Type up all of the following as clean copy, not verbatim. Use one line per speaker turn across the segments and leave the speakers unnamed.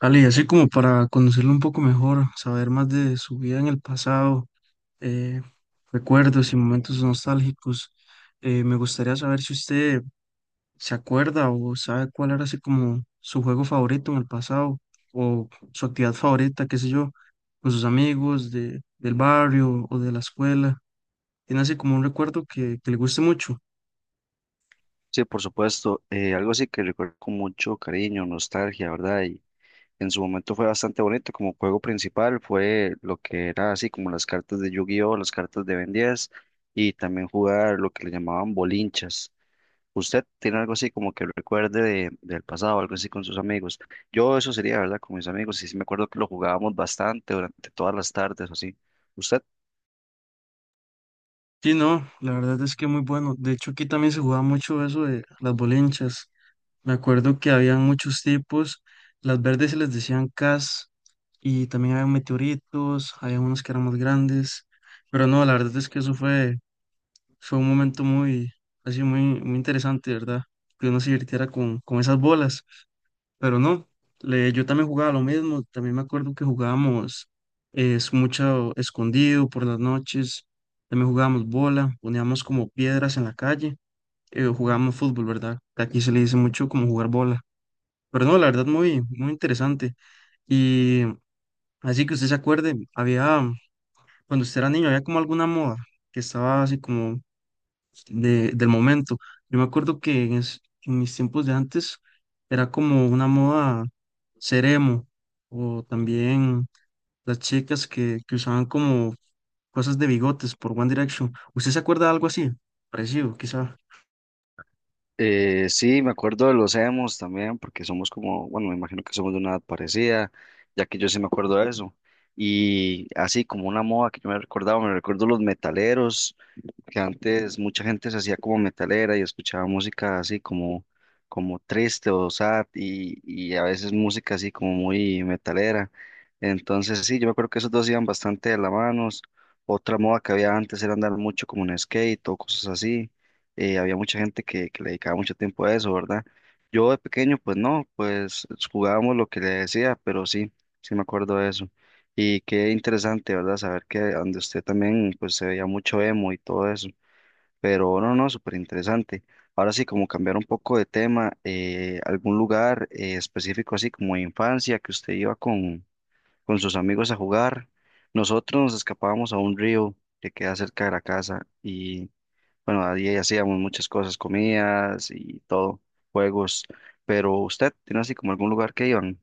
Ale, y así como para conocerlo un poco mejor, saber más de su vida en el pasado, eh, recuerdos y momentos nostálgicos. Me gustaría saber si usted se acuerda o sabe cuál era así como su juego favorito en el pasado o su actividad favorita, qué sé yo, con sus amigos del barrio o de la escuela. Tiene así como un recuerdo que le guste mucho.
Sí, por supuesto. Algo así que recuerdo con mucho cariño, nostalgia, ¿verdad? Y en su momento fue bastante bonito. Como juego principal fue lo que era así como las cartas de Yu-Gi-Oh, las cartas de Ben 10 y también jugar lo que le llamaban bolinchas. ¿Usted tiene algo así como que recuerde del pasado, algo así con sus amigos? Yo eso sería, ¿verdad? Con mis amigos y sí me acuerdo que lo jugábamos bastante durante todas las tardes o así. ¿Usted?
Sí, no, la verdad es que muy bueno. De hecho, aquí también se jugaba mucho eso de las bolinchas. Me acuerdo que habían muchos tipos. Las verdes se les decían cas y también había meteoritos, había unos que eran más grandes. Pero no, la verdad es que eso fue un momento muy, así muy, muy interesante, ¿verdad? Que uno se divirtiera con esas bolas. Pero no, yo también jugaba lo mismo. También me acuerdo que jugábamos es mucho escondido por las noches. También jugábamos bola, poníamos como piedras en la calle. Jugábamos fútbol, ¿verdad? Que aquí se le dice mucho como jugar bola. Pero no, la verdad, muy, muy interesante. Y así que usted se acuerde, había, cuando usted era niño, había como alguna moda que estaba así como del momento. Yo me acuerdo que en mis tiempos de antes era como una moda ser emo, o también las chicas que usaban como cosas de bigotes por One Direction. ¿Usted se acuerda de algo así? Parecido, quizá.
Sí, me acuerdo de los emos también, porque somos como, bueno, me imagino que somos de una edad parecida, ya que yo sí me acuerdo de eso. Y así como una moda que yo me recordaba, me recuerdo los metaleros, que antes mucha gente se hacía como metalera y escuchaba música así como, como triste o sad y, a veces música así como muy metalera. Entonces sí, yo me acuerdo que esos dos iban bastante de la mano. Otra moda que había antes era andar mucho como en skate o cosas así. Había mucha gente que le dedicaba mucho tiempo a eso, ¿verdad? Yo de pequeño, pues no, pues jugábamos lo que le decía, pero sí, sí me acuerdo de eso. Y qué interesante, ¿verdad? Saber que donde usted también pues se veía mucho emo y todo eso. Pero no, no, súper interesante. Ahora sí, como cambiar un poco de tema, algún lugar específico así como de infancia que usted iba con sus amigos a jugar. Nosotros nos escapábamos a un río que queda cerca de la casa y bueno, ahí hacíamos muchas cosas, comidas y todo, juegos. Pero usted tiene así como algún lugar que iban.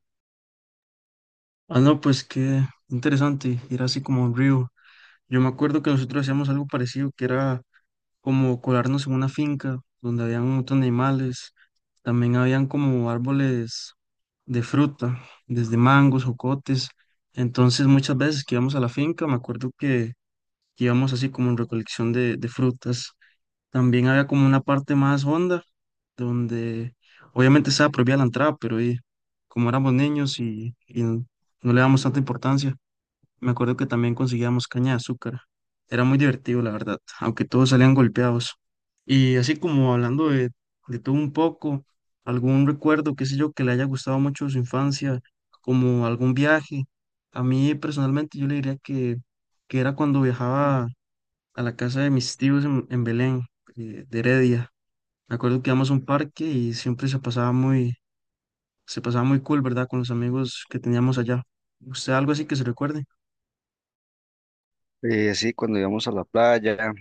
Ah, no, pues qué interesante, era así como un río. Yo me acuerdo que nosotros hacíamos algo parecido, que era como colarnos en una finca donde habían un montón de animales, también habían como árboles de fruta, desde mangos, jocotes, entonces muchas veces que íbamos a la finca, me acuerdo que íbamos así como en recolección de frutas, también había como una parte más honda, donde obviamente estaba prohibida la entrada, pero y, como éramos niños y no le damos tanta importancia, me acuerdo que también conseguíamos caña de azúcar. Era muy divertido, la verdad, aunque todos salían golpeados. Y así como hablando de todo un poco, algún recuerdo, qué sé yo, que le haya gustado mucho de su infancia, como algún viaje. A mí personalmente yo le diría que era cuando viajaba a la casa de mis tíos en Belén, de Heredia. Me acuerdo que íbamos a un parque y siempre se pasaba muy cool, ¿verdad? Con los amigos que teníamos allá. ¿Usted algo así que se recuerde?
Sí, cuando íbamos a la playa,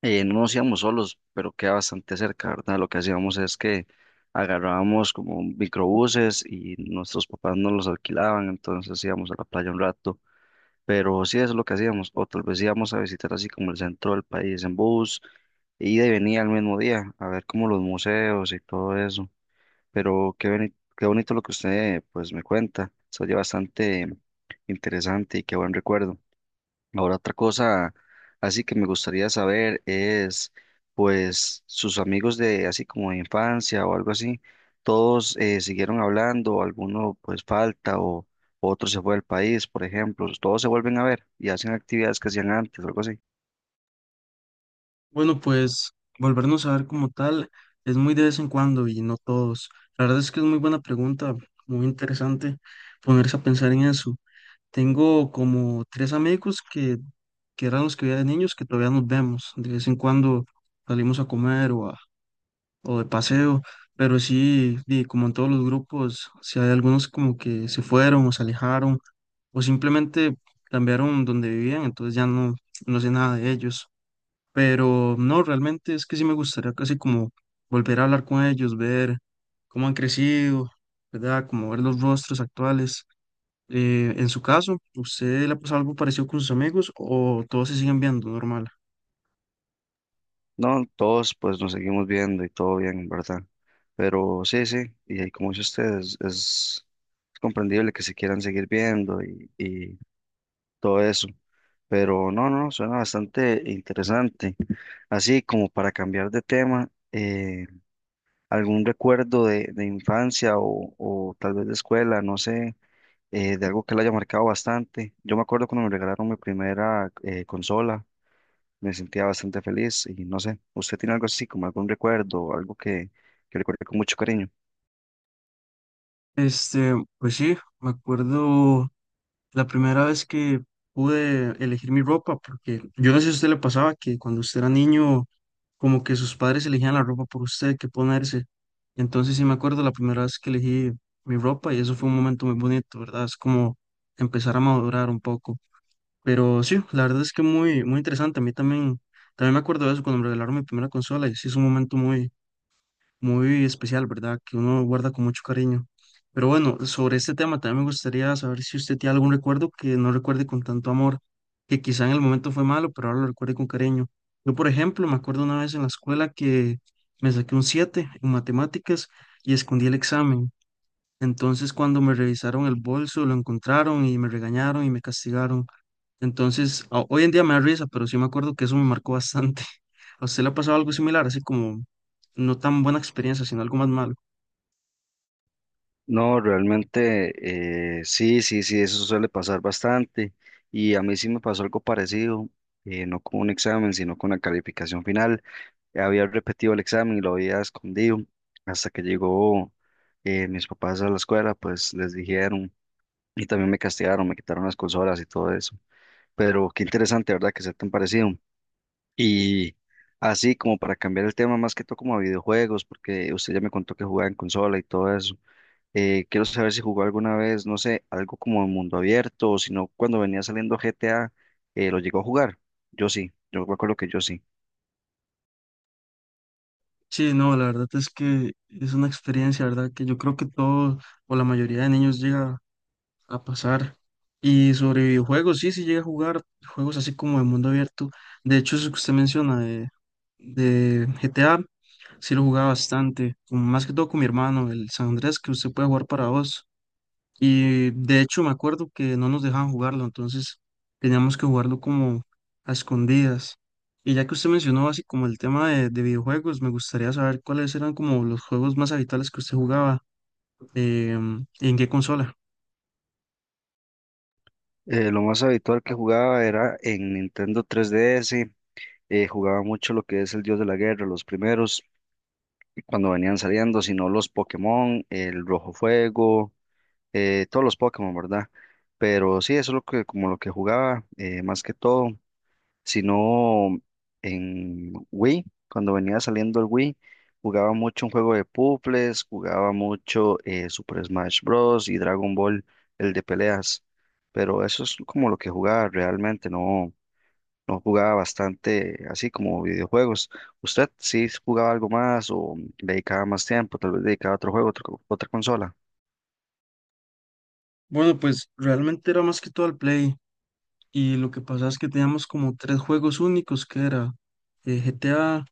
No nos íbamos solos, pero queda bastante cerca, ¿verdad? Lo que hacíamos es que agarrábamos como microbuses y nuestros papás nos los alquilaban, entonces íbamos a la playa un rato, pero sí eso es lo que hacíamos, o tal vez íbamos a visitar así como el centro del país en bus, ida y venía al mismo día, a ver como los museos y todo eso, pero qué bonito lo que usted pues me cuenta, se oye bastante interesante y qué buen recuerdo. Ahora otra cosa así que me gustaría saber es, pues, sus amigos de así como de infancia o algo así, todos siguieron hablando, o alguno pues falta o otro se fue del país, por ejemplo, todos se vuelven a ver y hacen actividades que hacían antes o algo así.
Bueno, pues volvernos a ver como tal es muy de vez en cuando y no todos. La verdad es que es muy buena pregunta, muy interesante ponerse a pensar en eso. Tengo como tres amigos que eran los que veía de niños que todavía nos vemos. De vez en cuando salimos a comer o de paseo, pero sí, y como en todos los grupos, si hay algunos como que se fueron o se alejaron o simplemente cambiaron donde vivían, entonces ya no sé nada de ellos. Pero no, realmente es que sí me gustaría casi como volver a hablar con ellos, ver cómo han crecido, ¿verdad? Como ver los rostros actuales. En su caso, ¿usted le ha pasado algo parecido con sus amigos o todos se siguen viendo normal?
No, todos pues nos seguimos viendo y todo bien, ¿verdad? Pero sí, sí, y ahí como dice usted, es comprendible que se quieran seguir viendo y todo eso. Pero no, no, suena bastante interesante. Así como para cambiar de tema, algún recuerdo de infancia o tal vez de escuela, no sé, de algo que le haya marcado bastante. Yo me acuerdo cuando me regalaron mi primera consola, me sentía bastante feliz y no sé, ¿usted tiene algo así como algún recuerdo, algo que recuerde con mucho cariño?
Este, pues sí, me acuerdo la primera vez que pude elegir mi ropa, porque yo no sé si a usted le pasaba que cuando usted era niño como que sus padres elegían la ropa por usted, qué ponerse. Entonces sí me acuerdo la primera vez que elegí mi ropa y eso fue un momento muy bonito, ¿verdad? Es como empezar a madurar un poco. Pero sí, la verdad es que muy, muy interesante. A mí también, también me acuerdo de eso cuando me regalaron mi primera consola y sí es un momento muy muy especial, ¿verdad? Que uno guarda con mucho cariño. Pero bueno, sobre este tema también me gustaría saber si usted tiene algún recuerdo que no recuerde con tanto amor, que quizá en el momento fue malo, pero ahora lo recuerde con cariño. Yo, por ejemplo, me acuerdo una vez en la escuela que me saqué un 7 en matemáticas y escondí el examen. Entonces, cuando me revisaron el bolso, lo encontraron y me regañaron y me castigaron. Entonces, hoy en día me da risa, pero sí me acuerdo que eso me marcó bastante. ¿A usted le ha pasado algo similar, así como no tan buena experiencia, sino algo más malo?
No, realmente sí, sí, sí, eso suele pasar bastante y a mí sí me pasó algo parecido, no con un examen, sino con la calificación final. Había repetido el examen y lo había escondido hasta que llegó mis papás a la escuela, pues les dijeron y también me castigaron, me quitaron las consolas y todo eso. Pero qué interesante, ¿verdad? Que sea tan parecido. Y así como para cambiar el tema más que todo como a videojuegos, porque usted ya me contó que jugaba en consola y todo eso. Quiero saber si jugó alguna vez, no sé, algo como en mundo abierto o si no, cuando venía saliendo GTA, ¿lo llegó a jugar? Yo sí, yo me acuerdo que yo sí.
Sí, no, la verdad es que es una experiencia, ¿verdad? Que yo creo que todo o la mayoría de niños llega a pasar. Y sobre videojuegos, sí, sí llega a jugar juegos así como de mundo abierto. De hecho, eso que usted menciona de GTA, sí lo jugaba bastante, como más que todo con mi hermano, el San Andrés, que usted puede jugar para dos. Y de hecho me acuerdo que no nos dejaban jugarlo, entonces teníamos que jugarlo como a escondidas. Y ya que usted mencionó así como el tema de videojuegos, me gustaría saber cuáles eran como los juegos más habituales que usted jugaba y en qué consola.
Lo más habitual que jugaba era en Nintendo 3DS, jugaba mucho lo que es el Dios de la Guerra, los primeros, cuando venían saliendo, sino los Pokémon, el Rojo Fuego, todos los Pokémon, ¿verdad? Pero sí, eso es lo que, como lo que jugaba, más que todo sino en Wii, cuando venía saliendo el Wii, jugaba mucho un juego de puzzles, jugaba mucho Super Smash Bros. Y Dragon Ball, el de peleas, pero eso es como lo que jugaba realmente, no, no jugaba bastante así como videojuegos. ¿Usted sí jugaba algo más o dedicaba más tiempo, tal vez dedicaba a otro juego, otra consola?
Bueno, pues realmente era más que todo el Play y lo que pasaba es que teníamos como tres juegos únicos que era GTA,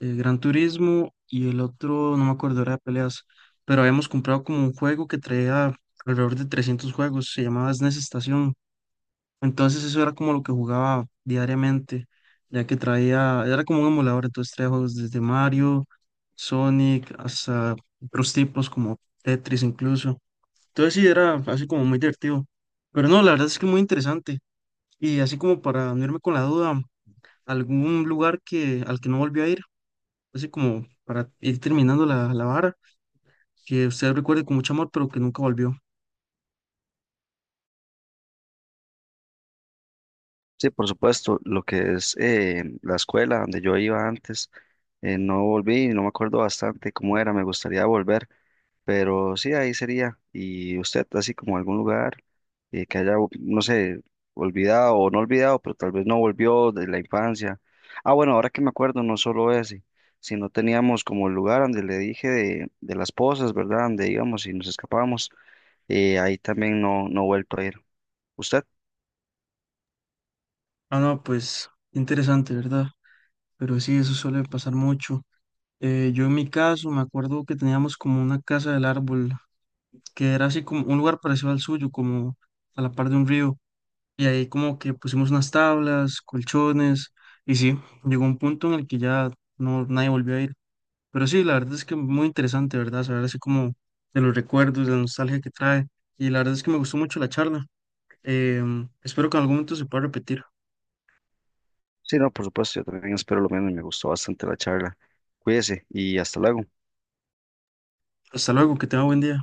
el Gran Turismo y el otro, no me acuerdo, era de peleas, pero habíamos comprado como un juego que traía alrededor de 300 juegos, se llamaba SNES Estación. Entonces eso era como lo que jugaba diariamente, ya que traía, era como un emulador, entonces traía juegos desde Mario, Sonic, hasta otros tipos como Tetris incluso. Entonces sí, era así como muy divertido. Pero no, la verdad es que muy interesante. Y así como para unirme con la duda, algún lugar que, al que no volví a ir así como para ir terminando la vara, que usted recuerde con mucho amor, pero que nunca volvió.
Sí, por supuesto, lo que es la escuela donde yo iba antes, no volví, no me acuerdo bastante cómo era, me gustaría volver, pero sí, ahí sería. ¿Y usted, así como algún lugar que haya, no sé, olvidado o no olvidado, pero tal vez no volvió de la infancia? Ah, bueno, ahora que me acuerdo, no solo ese, sino teníamos como el lugar donde le dije de las pozas, ¿verdad? Donde íbamos y nos escapábamos, ahí también no, no he vuelto a ir. ¿Usted?
Ah, no, pues interesante, ¿verdad? Pero sí, eso suele pasar mucho. Yo en mi caso me acuerdo que teníamos como una casa del árbol, que era así como un lugar parecido al suyo, como a la par de un río. Y ahí como que pusimos unas tablas, colchones, y sí, llegó un punto en el que ya no, nadie volvió a ir. Pero sí, la verdad es que muy interesante, ¿verdad? Saber así como de los recuerdos, de la nostalgia que trae. Y la verdad es que me gustó mucho la charla. Em, espero que en algún momento se pueda repetir.
Sí, no, por supuesto, yo también espero lo mismo y me gustó bastante la charla. Cuídese y hasta luego.
Hasta luego, que tenga buen día.